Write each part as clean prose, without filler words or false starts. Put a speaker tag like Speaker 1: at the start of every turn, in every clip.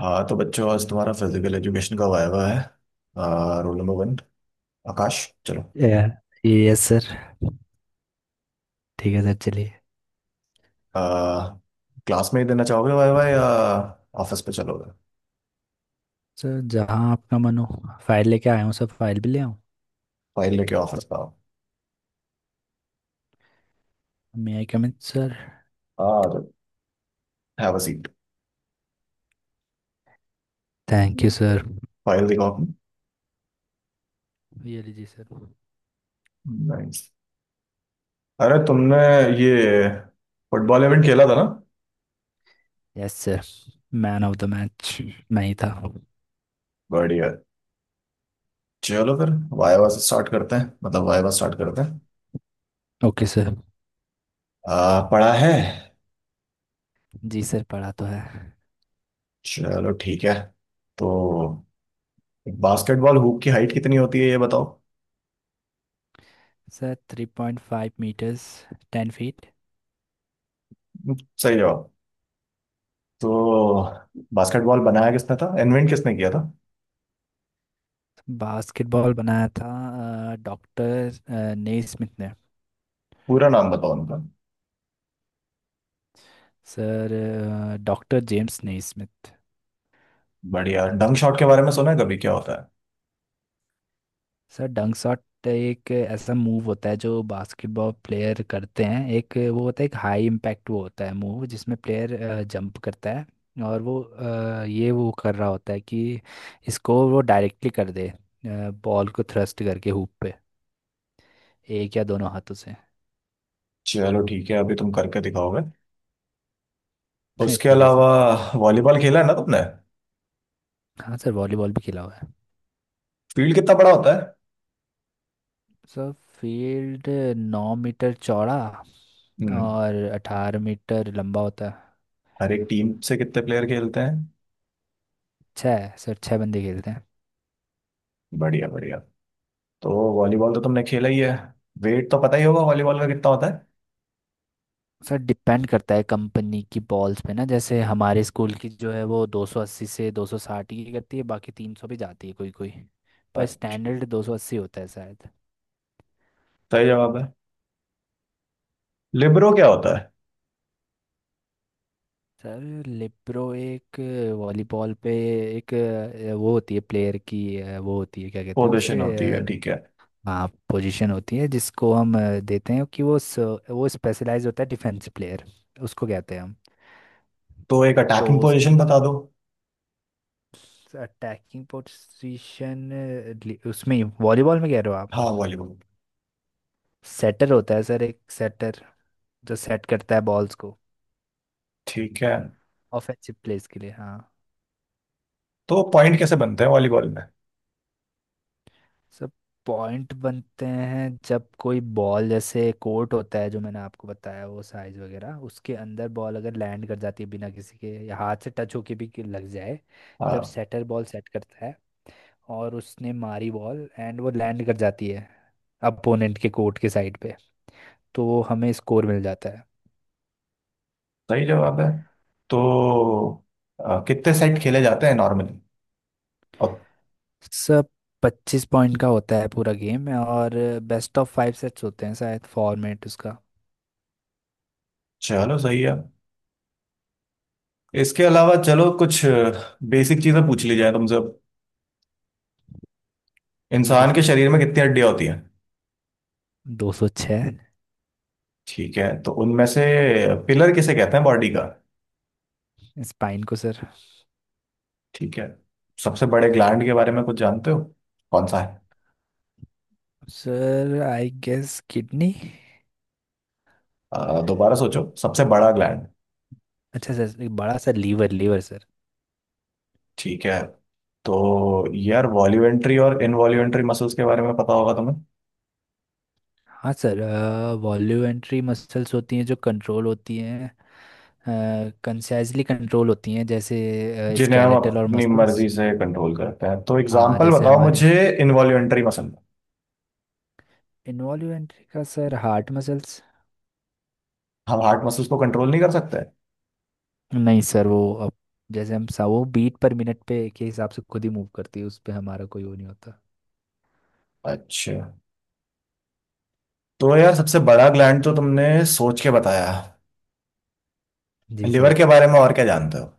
Speaker 1: हाँ तो बच्चों आज तुम्हारा फिजिकल एजुकेशन का वायवा है। Roll number 1। आकाश। चलो।
Speaker 2: या यस सर। ठीक है सर, चलिए।
Speaker 1: आ, क्लास में ही देना चाहोगे वायवा या ऑफिस पे चलोगे?
Speaker 2: सर, जहाँ आपका मन हो। फाइल लेके आया हूँ सर, फाइल भी ले आऊँ?
Speaker 1: फाइल लेके ऑफिस पे आओ।
Speaker 2: मे आई कम इन सर?
Speaker 1: हाँ तो have a seat.
Speaker 2: Thank you sir.
Speaker 1: File दिखाओ अपनी।
Speaker 2: ये लीजिए सर।
Speaker 1: नाइस। अरे तुमने ये फुटबॉल इवेंट खेला था ना?
Speaker 2: Yes sir. Man of the match मैं ही था।
Speaker 1: बढ़िया। चलो फिर वायवा से स्टार्ट करते हैं मतलब वायवा स्टार्ट करते हैं।
Speaker 2: Okay sir.
Speaker 1: पढ़ा है?
Speaker 2: जी सर, पढ़ा तो है।
Speaker 1: चलो ठीक है। तो बास्केटबॉल हूप की हाइट कितनी होती है ये बताओ।
Speaker 2: Sir three point five meters. Ten feet.
Speaker 1: सही जवाब। तो बास्केटबॉल बनाया किसने था, इन्वेंट किसने किया था?
Speaker 2: बास्केटबॉल बनाया था डॉक्टर नेस्मिथ ने।
Speaker 1: पूरा नाम बताओ उनका।
Speaker 2: Sir doctor James Naismith.
Speaker 1: बढ़िया। डंक शॉट के बारे में सुना है कभी, क्या होता है?
Speaker 2: सर डंक शॉट एक ऐसा मूव होता है जो बास्केटबॉल प्लेयर करते हैं। एक वो होता है, एक हाई इम्पैक्ट वो होता है मूव जिसमें प्लेयर जंप करता है। और वो ये वो कर रहा होता है कि इसको वो डायरेक्टली कर दे, बॉल को थ्रस्ट करके हुप पे, एक या दोनों हाथों से।
Speaker 1: चलो ठीक है, अभी तुम करके दिखाओगे। उसके
Speaker 2: ठीक है सर।
Speaker 1: अलावा वॉलीबॉल खेला है ना तुमने?
Speaker 2: हाँ सर, वॉलीबॉल भी खेला हुआ है।
Speaker 1: फील्ड कितना बड़ा होता है?
Speaker 2: सर फील्ड 9 मीटर चौड़ा
Speaker 1: हम्म।
Speaker 2: और 18 मीटर लंबा होता है।
Speaker 1: हर एक टीम से कितने प्लेयर खेलते हैं?
Speaker 2: छः सर, छः बंदे खेलते हैं।
Speaker 1: बढ़िया बढ़िया। तो वॉलीबॉल तो तुमने खेला ही है, वेट तो पता ही होगा वॉलीबॉल का कितना होता है?
Speaker 2: सर डिपेंड करता है कंपनी की बॉल्स पे ना। जैसे हमारे स्कूल की जो है वो 280 से 260 की करती है, बाकी 300 भी जाती है कोई कोई। पर
Speaker 1: अच्छा।
Speaker 2: स्टैंडर्ड 280 होता है शायद।
Speaker 1: सही जवाब है। लिबरो क्या होता है?
Speaker 2: सर लिप्रो एक, वॉलीबॉल पे एक वो होती है प्लेयर की, वो होती है, क्या कहते हैं उसे।
Speaker 1: पोजिशन होती
Speaker 2: अ,
Speaker 1: है, ठीक है।
Speaker 2: हाँ, पोजीशन होती है जिसको हम देते हैं, कि वो वो स्पेशलाइज होता है डिफेंस प्लेयर, उसको कहते हैं हम।
Speaker 1: तो एक
Speaker 2: तो
Speaker 1: अटैकिंग पोजिशन
Speaker 2: उसकी
Speaker 1: बता दो।
Speaker 2: अटैकिंग पोजीशन, उसमें वॉलीबॉल में कह रहे हो आप?
Speaker 1: हाँ वॉलीबॉल।
Speaker 2: सेटर होता है सर, एक सेटर जो सेट करता है बॉल्स को,
Speaker 1: ठीक है।
Speaker 2: ऑफेंसिव प्लेस के लिए, हाँ।
Speaker 1: तो पॉइंट कैसे बनते हैं वॉलीबॉल में?
Speaker 2: सर पॉइंट बनते हैं जब कोई बॉल, जैसे कोर्ट होता है जो मैंने आपको बताया वो साइज वगैरह, उसके अंदर बॉल अगर लैंड कर जाती है बिना किसी के, या हाथ से टच होके भी कि लग जाए। जब
Speaker 1: हाँ।
Speaker 2: सेटर बॉल सेट करता है और उसने मारी बॉल, एंड वो लैंड कर जाती है अपोनेंट के कोर्ट के साइड पे, तो हमें स्कोर मिल जाता है।
Speaker 1: सही जवाब है। तो कितने सेट खेले जाते हैं नॉर्मली, और।
Speaker 2: सब 25 पॉइंट का होता है पूरा गेम, और बेस्ट ऑफ फाइव सेट्स होते हैं शायद फॉर्मेट उसका।
Speaker 1: चलो सही है। इसके अलावा चलो कुछ बेसिक चीजें पूछ ली जाए तुमसे।
Speaker 2: ठीक है
Speaker 1: इंसान के
Speaker 2: सर।
Speaker 1: शरीर में कितनी हड्डियां होती हैं?
Speaker 2: 206।
Speaker 1: ठीक है, तो उनमें से पिलर किसे कहते हैं बॉडी का?
Speaker 2: स्पाइन को सर।
Speaker 1: ठीक है। सबसे बड़े ग्लैंड के बारे में कुछ जानते हो, कौन सा है?
Speaker 2: Sir I guess kidney.
Speaker 1: दोबारा सोचो, सबसे बड़ा ग्लैंड।
Speaker 2: अच्छा सर, एक बड़ा सा लीवर, लीवर सर।
Speaker 1: ठीक है। तो यार वॉल्यूमेंट्री और इनवॉल्यूमेंट्री मसल्स के बारे में पता होगा तुम्हें।
Speaker 2: हाँ सर, वॉल्यूमेंट्री मसल्स होती हैं जो कंट्रोल होती हैं, कंसाइजली कंट्रोल होती हैं, जैसे
Speaker 1: जिन्हें हम
Speaker 2: स्केलेटल और
Speaker 1: अपनी
Speaker 2: मसल्स।
Speaker 1: मर्जी से कंट्रोल करते हैं, तो
Speaker 2: हाँ,
Speaker 1: एग्जाम्पल
Speaker 2: जैसे
Speaker 1: बताओ
Speaker 2: हमारे।
Speaker 1: मुझे। Involuntary muscle.
Speaker 2: इन्वॉल्यूमेंट्री का सर हार्ट मसल्स।
Speaker 1: हम हार्ट मसल्स को कंट्रोल नहीं कर सकते?
Speaker 2: नहीं सर, वो अब जैसे हम सा वो बीट पर मिनट पे के हिसाब से खुद ही मूव करती है, उस पे हमारा कोई वो नहीं होता।
Speaker 1: अच्छा। तो यार सबसे बड़ा ग्लैंड तो तुमने सोच के बताया।
Speaker 2: जी
Speaker 1: लिवर
Speaker 2: सर।
Speaker 1: के बारे में और क्या जानते हो?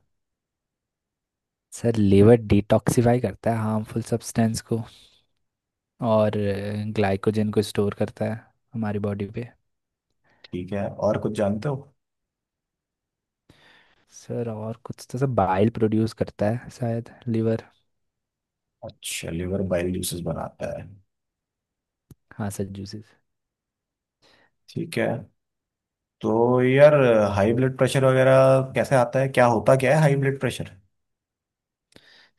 Speaker 2: सर लीवर डिटॉक्सिफाई करता है हार्मफुल सब्सटेंस को, और ग्लाइकोजन को स्टोर करता है हमारी बॉडी पे।
Speaker 1: ठीक है, और कुछ जानते हो?
Speaker 2: सर और कुछ तो, सर बाइल प्रोड्यूस करता है शायद लीवर।
Speaker 1: अच्छा, लिवर बाइल जूसेस बनाता है।
Speaker 2: हाँ सर, जूसेस।
Speaker 1: ठीक है। तो यार हाई ब्लड प्रेशर वगैरह कैसे आता है, क्या होता क्या है हाई ब्लड प्रेशर?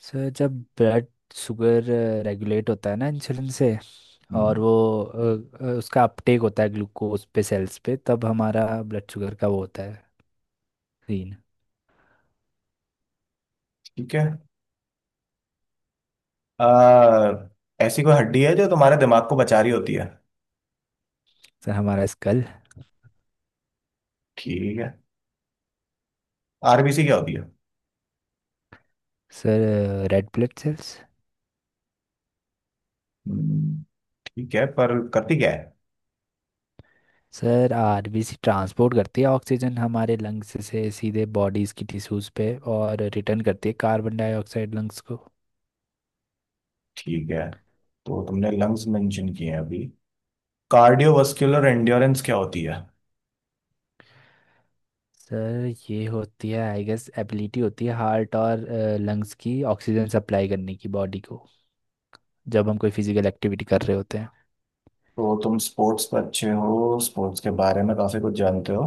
Speaker 2: सर जब ब्लड शुगर रेगुलेट होता है ना इंसुलिन से, और
Speaker 1: हम्म।
Speaker 2: वो उसका अपटेक होता है ग्लूकोज पे सेल्स पे, तब हमारा ब्लड शुगर का वो होता है सीन।
Speaker 1: ठीक है। आ, ऐसी कोई हड्डी है जो तुम्हारे दिमाग को बचा रही होती है?
Speaker 2: सर हमारा स्कल।
Speaker 1: ठीक है। आरबीसी क्या होती है?
Speaker 2: Sir red blood cells.
Speaker 1: Hmm. ठीक है, पर करती क्या है?
Speaker 2: सर आरबीसी ट्रांसपोर्ट करती है ऑक्सीजन हमारे लंग्स से सीधे बॉडीज की टिश्यूज पे, और रिटर्न करती है कार्बन डाइऑक्साइड लंग्स को।
Speaker 1: ठीक है, तो तुमने लंग्स मेंशन किए हैं अभी। कार्डियोवास्कुलर एंड्योरेंस क्या होती है?
Speaker 2: सर ये होती है आई गेस एबिलिटी होती है हार्ट और लंग्स की ऑक्सीजन सप्लाई करने की बॉडी को, जब हम कोई फिजिकल एक्टिविटी कर रहे होते हैं।
Speaker 1: तो तुम स्पोर्ट्स पर अच्छे हो, स्पोर्ट्स के बारे में काफी कुछ जानते हो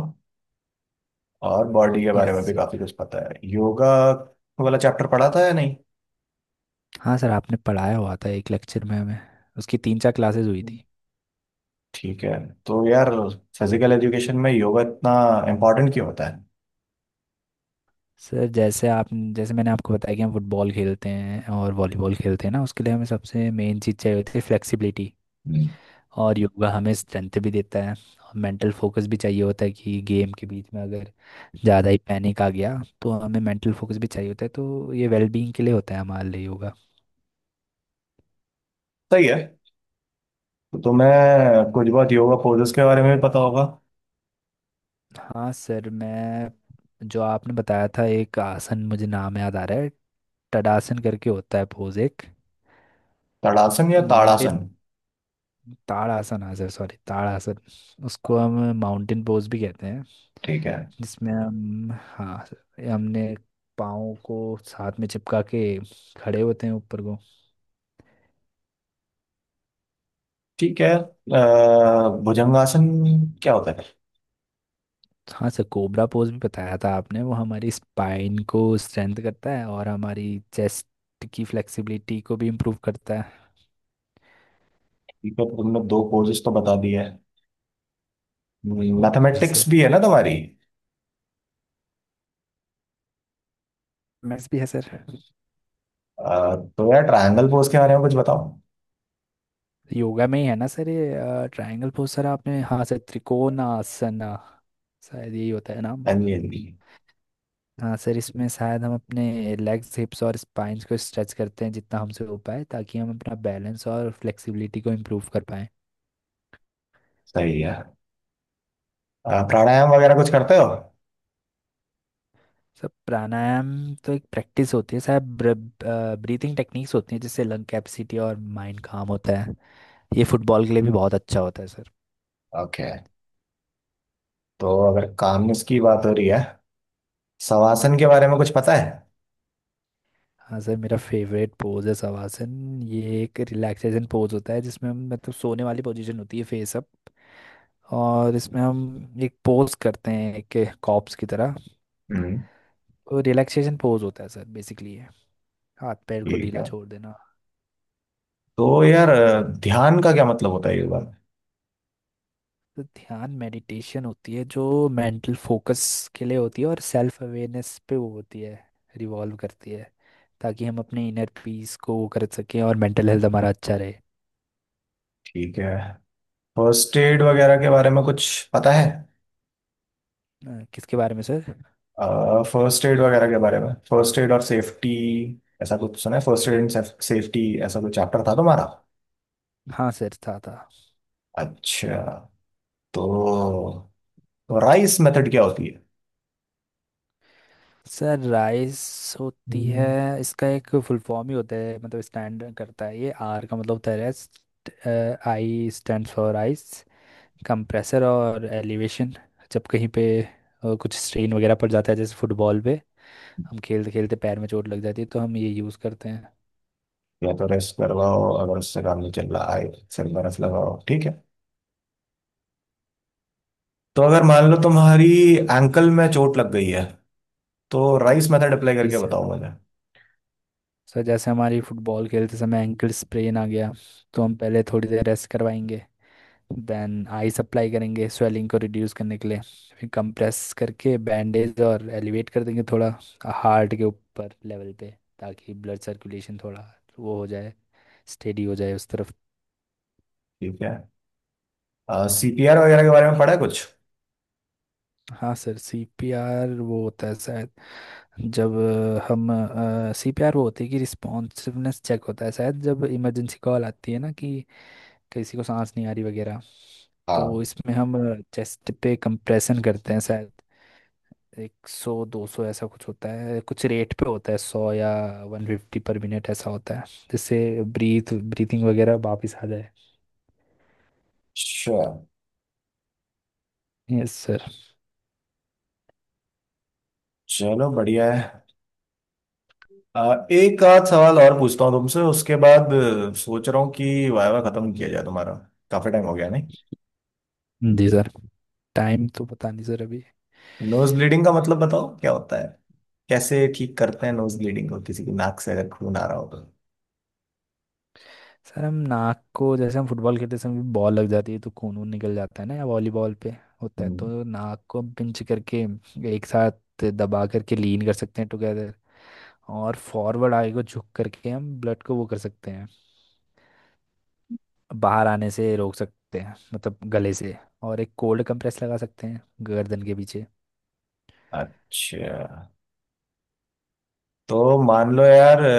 Speaker 1: और बॉडी के
Speaker 2: यस
Speaker 1: बारे में भी काफी
Speaker 2: सर।
Speaker 1: कुछ पता है। योगा वाला चैप्टर पढ़ा था या नहीं?
Speaker 2: हाँ सर, आपने पढ़ाया हुआ था एक लेक्चर में हमें, उसकी 3-4 क्लासेस हुई
Speaker 1: हम्म।
Speaker 2: थी।
Speaker 1: ठीक है। तो यार फिजिकल एजुकेशन में योगा इतना इम्पोर्टेंट क्यों होता है?
Speaker 2: सर जैसे आप, जैसे मैंने आपको बताया कि हम फुटबॉल खेलते हैं और वॉलीबॉल खेलते हैं ना, उसके लिए हमें सबसे मेन चीज़ चाहिए होती है फ्लेक्सिबिलिटी।
Speaker 1: हम्म।
Speaker 2: और योगा हमें स्ट्रेंथ भी देता है, और मेंटल फोकस भी चाहिए होता है कि गेम के बीच में अगर ज़्यादा ही पैनिक आ गया, तो हमें मेंटल फोकस भी चाहिए होता है। तो ये वेलबींग के लिए होता है हमारे लिए योगा।
Speaker 1: सही है। तो तुम्हें कुछ बहुत योगा पोजेस के बारे में भी पता होगा।
Speaker 2: हाँ सर, मैं, जो आपने बताया था एक आसन मुझे नाम याद आ रहा है, टडासन करके होता है पोज एक।
Speaker 1: तड़ासन या
Speaker 2: माउंटेन,
Speaker 1: ताड़ासन?
Speaker 2: ताड़ासन आसन, सॉरी ताड़ासन। उसको हम माउंटेन पोज भी कहते हैं।
Speaker 1: ठीक है।
Speaker 2: जिसमें हम, हाँ सर, हमने पाँव को साथ में चिपका के खड़े होते हैं ऊपर को।
Speaker 1: ठीक है, भुजंगासन क्या होता है?
Speaker 2: हाँ सर, कोबरा पोज भी बताया था आपने, वो हमारी स्पाइन को स्ट्रेंथ करता है और हमारी चेस्ट की फ्लेक्सिबिलिटी को भी इम्प्रूव करता है।
Speaker 1: ठीक है, तुमने दो पोजेस तो बता दिए हैं।
Speaker 2: जी सर,
Speaker 1: मैथमेटिक्स भी है ना तुम्हारी?
Speaker 2: मैथ्स भी है सर।
Speaker 1: अ, तो यार ट्रायंगल पोज के बारे में कुछ बताओ।
Speaker 2: योगा में ही है ना सर ये ट्रायंगल पोज? सर आपने, हाँ सर, त्रिकोणासन शायद यही होता है नाम।
Speaker 1: हाँ जी हाँ जी।
Speaker 2: हाँ सर, इसमें शायद हम अपने लेग्स, हिप्स और स्पाइंस को स्ट्रेच करते हैं जितना हमसे हो पाए, ताकि हम अपना बैलेंस और फ्लेक्सिबिलिटी को इम्प्रूव कर पाएं।
Speaker 1: सही है। प्राणायाम वगैरह कुछ करते हो?
Speaker 2: सर प्राणायाम तो एक प्रैक्टिस होती है शायद, ब्रीथिंग टेक्निक्स होती हैं जिससे लंग कैपेसिटी और माइंड काम होता है। ये फुटबॉल के लिए भी बहुत अच्छा होता है सर।
Speaker 1: ओके। तो अगर कामनेस की बात हो रही है, शवासन के बारे में कुछ पता है?
Speaker 2: हाँ सर, मेरा फेवरेट पोज है शवासन। ये एक रिलैक्सेशन पोज होता है जिसमें हम, मतलब सोने वाली पोजीशन होती है फेस अप। और इसमें हम एक पोज करते हैं एक कॉप्स की तरह।
Speaker 1: हम्म।
Speaker 2: तो रिलैक्सेशन पोज होता है सर, बेसिकली है हाथ पैर को
Speaker 1: ठीक
Speaker 2: ढीला
Speaker 1: है।
Speaker 2: छोड़ देना।
Speaker 1: तो यार ध्यान का क्या मतलब होता है ये बात?
Speaker 2: तो ध्यान मेडिटेशन होती है, जो मेंटल फोकस के लिए होती है, और सेल्फ अवेयरनेस पे वो होती है, रिवॉल्व करती है, ताकि हम अपने इनर पीस को वो कर सकें और मेंटल हेल्थ हमारा अच्छा रहे।
Speaker 1: ठीक है। फर्स्ट एड वगैरह के बारे में कुछ पता है?
Speaker 2: किसके बारे में सर?
Speaker 1: फर्स्ट एड वगैरह के बारे में, फर्स्ट एड और सेफ्टी, ऐसा कुछ सुना है? फर्स्ट एड एंड सेफ्टी ऐसा कोई चैप्टर था तुम्हारा?
Speaker 2: हाँ सर, था था।
Speaker 1: अच्छा। तो, तो राइस मेथड क्या होती है?
Speaker 2: सर राइस होती है,
Speaker 1: हम्म।
Speaker 2: इसका एक फुल फॉर्म ही होता है, मतलब स्टैंड करता है ये। आर का मतलब होता है rest, I stand for ice, compressor और एलिवेशन। जब कहीं पे कुछ स्ट्रेन वगैरह पड़ जाता है, जैसे फुटबॉल पे हम खेलते खेलते पैर में चोट लग जाती है, तो हम ये यूज़ करते हैं।
Speaker 1: या तो रेस्ट करवाओ, अगर उससे काम नहीं चल रहा है सिर बर्फ लगाओ, ठीक है। तो अगर मान लो तुम्हारी एंकल में चोट लग गई है, तो राइस मेथड अप्लाई करके
Speaker 2: इस
Speaker 1: बताओ मुझे।
Speaker 2: सर जैसे हमारी फुटबॉल खेलते समय एंकल स्प्रेन आ गया, तो हम पहले थोड़ी देर रेस्ट करवाएंगे, देन आइस अप्लाई करेंगे स्वेलिंग को रिड्यूस करने के लिए, फिर कंप्रेस करके बैंडेज और एलिवेट कर देंगे थोड़ा हार्ट के ऊपर लेवल पे, ताकि ब्लड सर्कुलेशन थोड़ा वो हो जाए, स्टेडी हो जाए उस तरफ।
Speaker 1: ठीक है। सीपीआर वगैरह के बारे में पढ़ा है कुछ?
Speaker 2: हाँ सर, सीपीआर वो होता है शायद, जब हम, सीपीआर वो होती है कि रिस्पॉन्सिवनेस चेक होता है शायद, जब इमरजेंसी कॉल आती है ना कि किसी को सांस नहीं आ रही वगैरह।
Speaker 1: हाँ।
Speaker 2: तो इसमें हम चेस्ट पे कंप्रेशन करते हैं शायद, एक सौ दो सौ ऐसा कुछ होता है, कुछ रेट पे होता है, सौ या 150 पर मिनट ऐसा होता है, जिससे ब्रीथिंग वगैरह वापस आ जाए।
Speaker 1: अच्छा,
Speaker 2: यस सर।
Speaker 1: चलो बढ़िया है। एक आध सवाल और पूछता हूँ तुमसे, उसके बाद सोच रहा हूँ कि वायवा खत्म किया जाए तुम्हारा। काफी टाइम हो गया नहीं?
Speaker 2: जी सर, टाइम तो पता नहीं सर अभी।
Speaker 1: नोज ब्लीडिंग का मतलब बताओ क्या होता है, कैसे ठीक करते हैं नोज ब्लीडिंग को, किसी की नाक से अगर खून आ रहा हो तो?
Speaker 2: सर हम नाक को, जैसे हम फुटबॉल खेलते समय बॉल लग जाती है तो खून वून निकल जाता है ना, या वॉलीबॉल पे होता है,
Speaker 1: हम्म।
Speaker 2: तो नाक को हम पिंच करके एक साथ दबा करके लीन कर सकते हैं टुगेदर, और फॉरवर्ड आगे को झुक करके हम ब्लड को वो कर सकते हैं, बाहर आने से रोक सकते हैं मतलब गले से। और एक कोल्ड कंप्रेस लगा सकते हैं गर्दन के पीछे।
Speaker 1: अच्छा। तो मान लो यार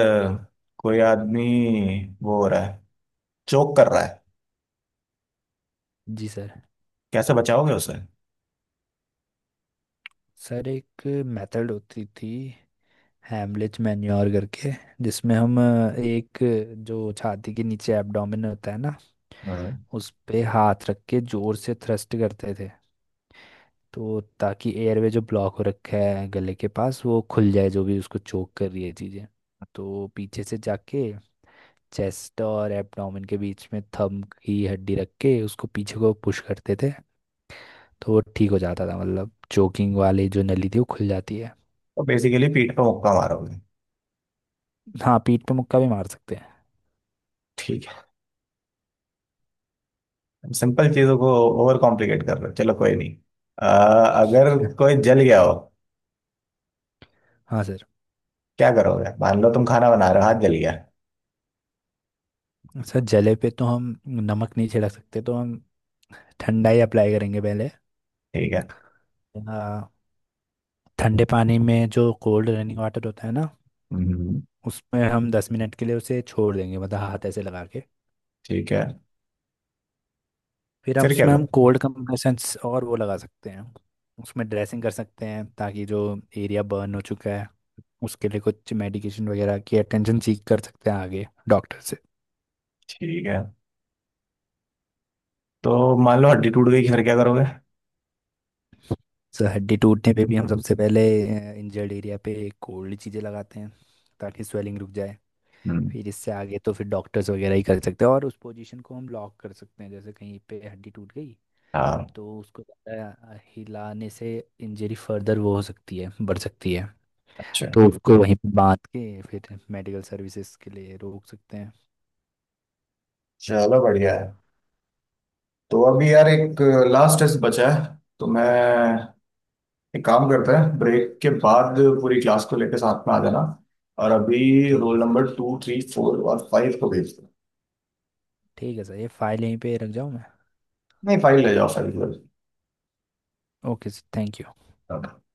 Speaker 1: कोई आदमी वो हो रहा है, चोक कर रहा है,
Speaker 2: जी सर।
Speaker 1: कैसे बचाओगे उसे?
Speaker 2: सर एक मेथड होती थी, हैमलिच मैन्योर करके, जिसमें हम एक, जो छाती के नीचे एब्डोमेन होता है ना,
Speaker 1: हम्म।
Speaker 2: उस पे हाथ रख के जोर से थ्रस्ट करते थे, तो ताकि एयरवे जो ब्लॉक हो रखा है गले के पास वो खुल जाए, जो भी उसको चोक कर रही है चीज़ें। तो पीछे से जाके चेस्ट और एब्डोमेन के बीच में थंब की हड्डी रख के उसको पीछे को पुश करते थे, तो वो ठीक हो जाता था, मतलब चोकिंग वाली जो नली थी वो खुल जाती है।
Speaker 1: तो बेसिकली पीठ पे मुक्का मारोगे?
Speaker 2: हाँ, पीठ पे मुक्का भी मार सकते हैं।
Speaker 1: ठीक है। सिंपल चीजों को ओवर कॉम्प्लिकेट कर रहे हो, चलो कोई नहीं। अ, अगर कोई जल गया हो
Speaker 2: हाँ सर।
Speaker 1: क्या करोगे? मान लो तुम खाना बना रहे हो, हाथ जल गया।
Speaker 2: सर जले पे तो हम नमक नहीं छिड़क सकते, तो हम ठंडा ही अप्लाई करेंगे पहले।
Speaker 1: ठीक है।
Speaker 2: आ, ठंडे पानी में जो कोल्ड रनिंग वाटर होता है ना,
Speaker 1: हम्म।
Speaker 2: उसमें हम 10 मिनट के लिए उसे छोड़ देंगे, मतलब हाथ ऐसे लगा के।
Speaker 1: ठीक है।
Speaker 2: फिर अब
Speaker 1: फिर क्या
Speaker 2: उसमें हम
Speaker 1: करोगे?
Speaker 2: कोल्ड कंप्रेशंस और वो लगा सकते हैं। उसमें ड्रेसिंग कर सकते हैं, ताकि जो एरिया बर्न हो चुका है, उसके लिए कुछ मेडिकेशन वगैरह की अटेंशन सीख कर सकते हैं आगे डॉक्टर से।
Speaker 1: ठीक है। तो मान लो हड्डी टूट गई, फिर क्या करोगे?
Speaker 2: सर हड्डी टूटने पे भी हम सबसे पहले इंजर्ड एरिया पे कोल्ड चीज़ें लगाते हैं, ताकि स्वेलिंग रुक जाए।
Speaker 1: हम्म।
Speaker 2: फिर इससे आगे तो फिर डॉक्टर्स वगैरह ही कर सकते हैं, और उस पोजीशन को हम लॉक कर सकते हैं, जैसे कहीं पे हड्डी टूट गई,
Speaker 1: हाँ।
Speaker 2: तो उसको ज़्यादा हिलाने से इंजरी फर्दर वो हो सकती है, बढ़ सकती है।
Speaker 1: अच्छा।
Speaker 2: तो उसको वहीं पे बांध के फिर मेडिकल सर्विसेज के लिए रोक सकते हैं।
Speaker 1: चलो बढ़िया है। तो अभी यार एक लास्ट टेस्ट बचा है। तो मैं एक काम करता है, ब्रेक के बाद पूरी क्लास को लेकर साथ में आ जाना। और अभी
Speaker 2: ठीक
Speaker 1: रोल
Speaker 2: है सर।
Speaker 1: नंबर 2 3 4 और 5 को भेज दो।
Speaker 2: ठीक है सर, ये फाइल यहीं पे रख जाऊँ मैं?
Speaker 1: नहीं 5 ले जाओ, 5 ले
Speaker 2: ओके सर, थैंक यू।
Speaker 1: जाओ।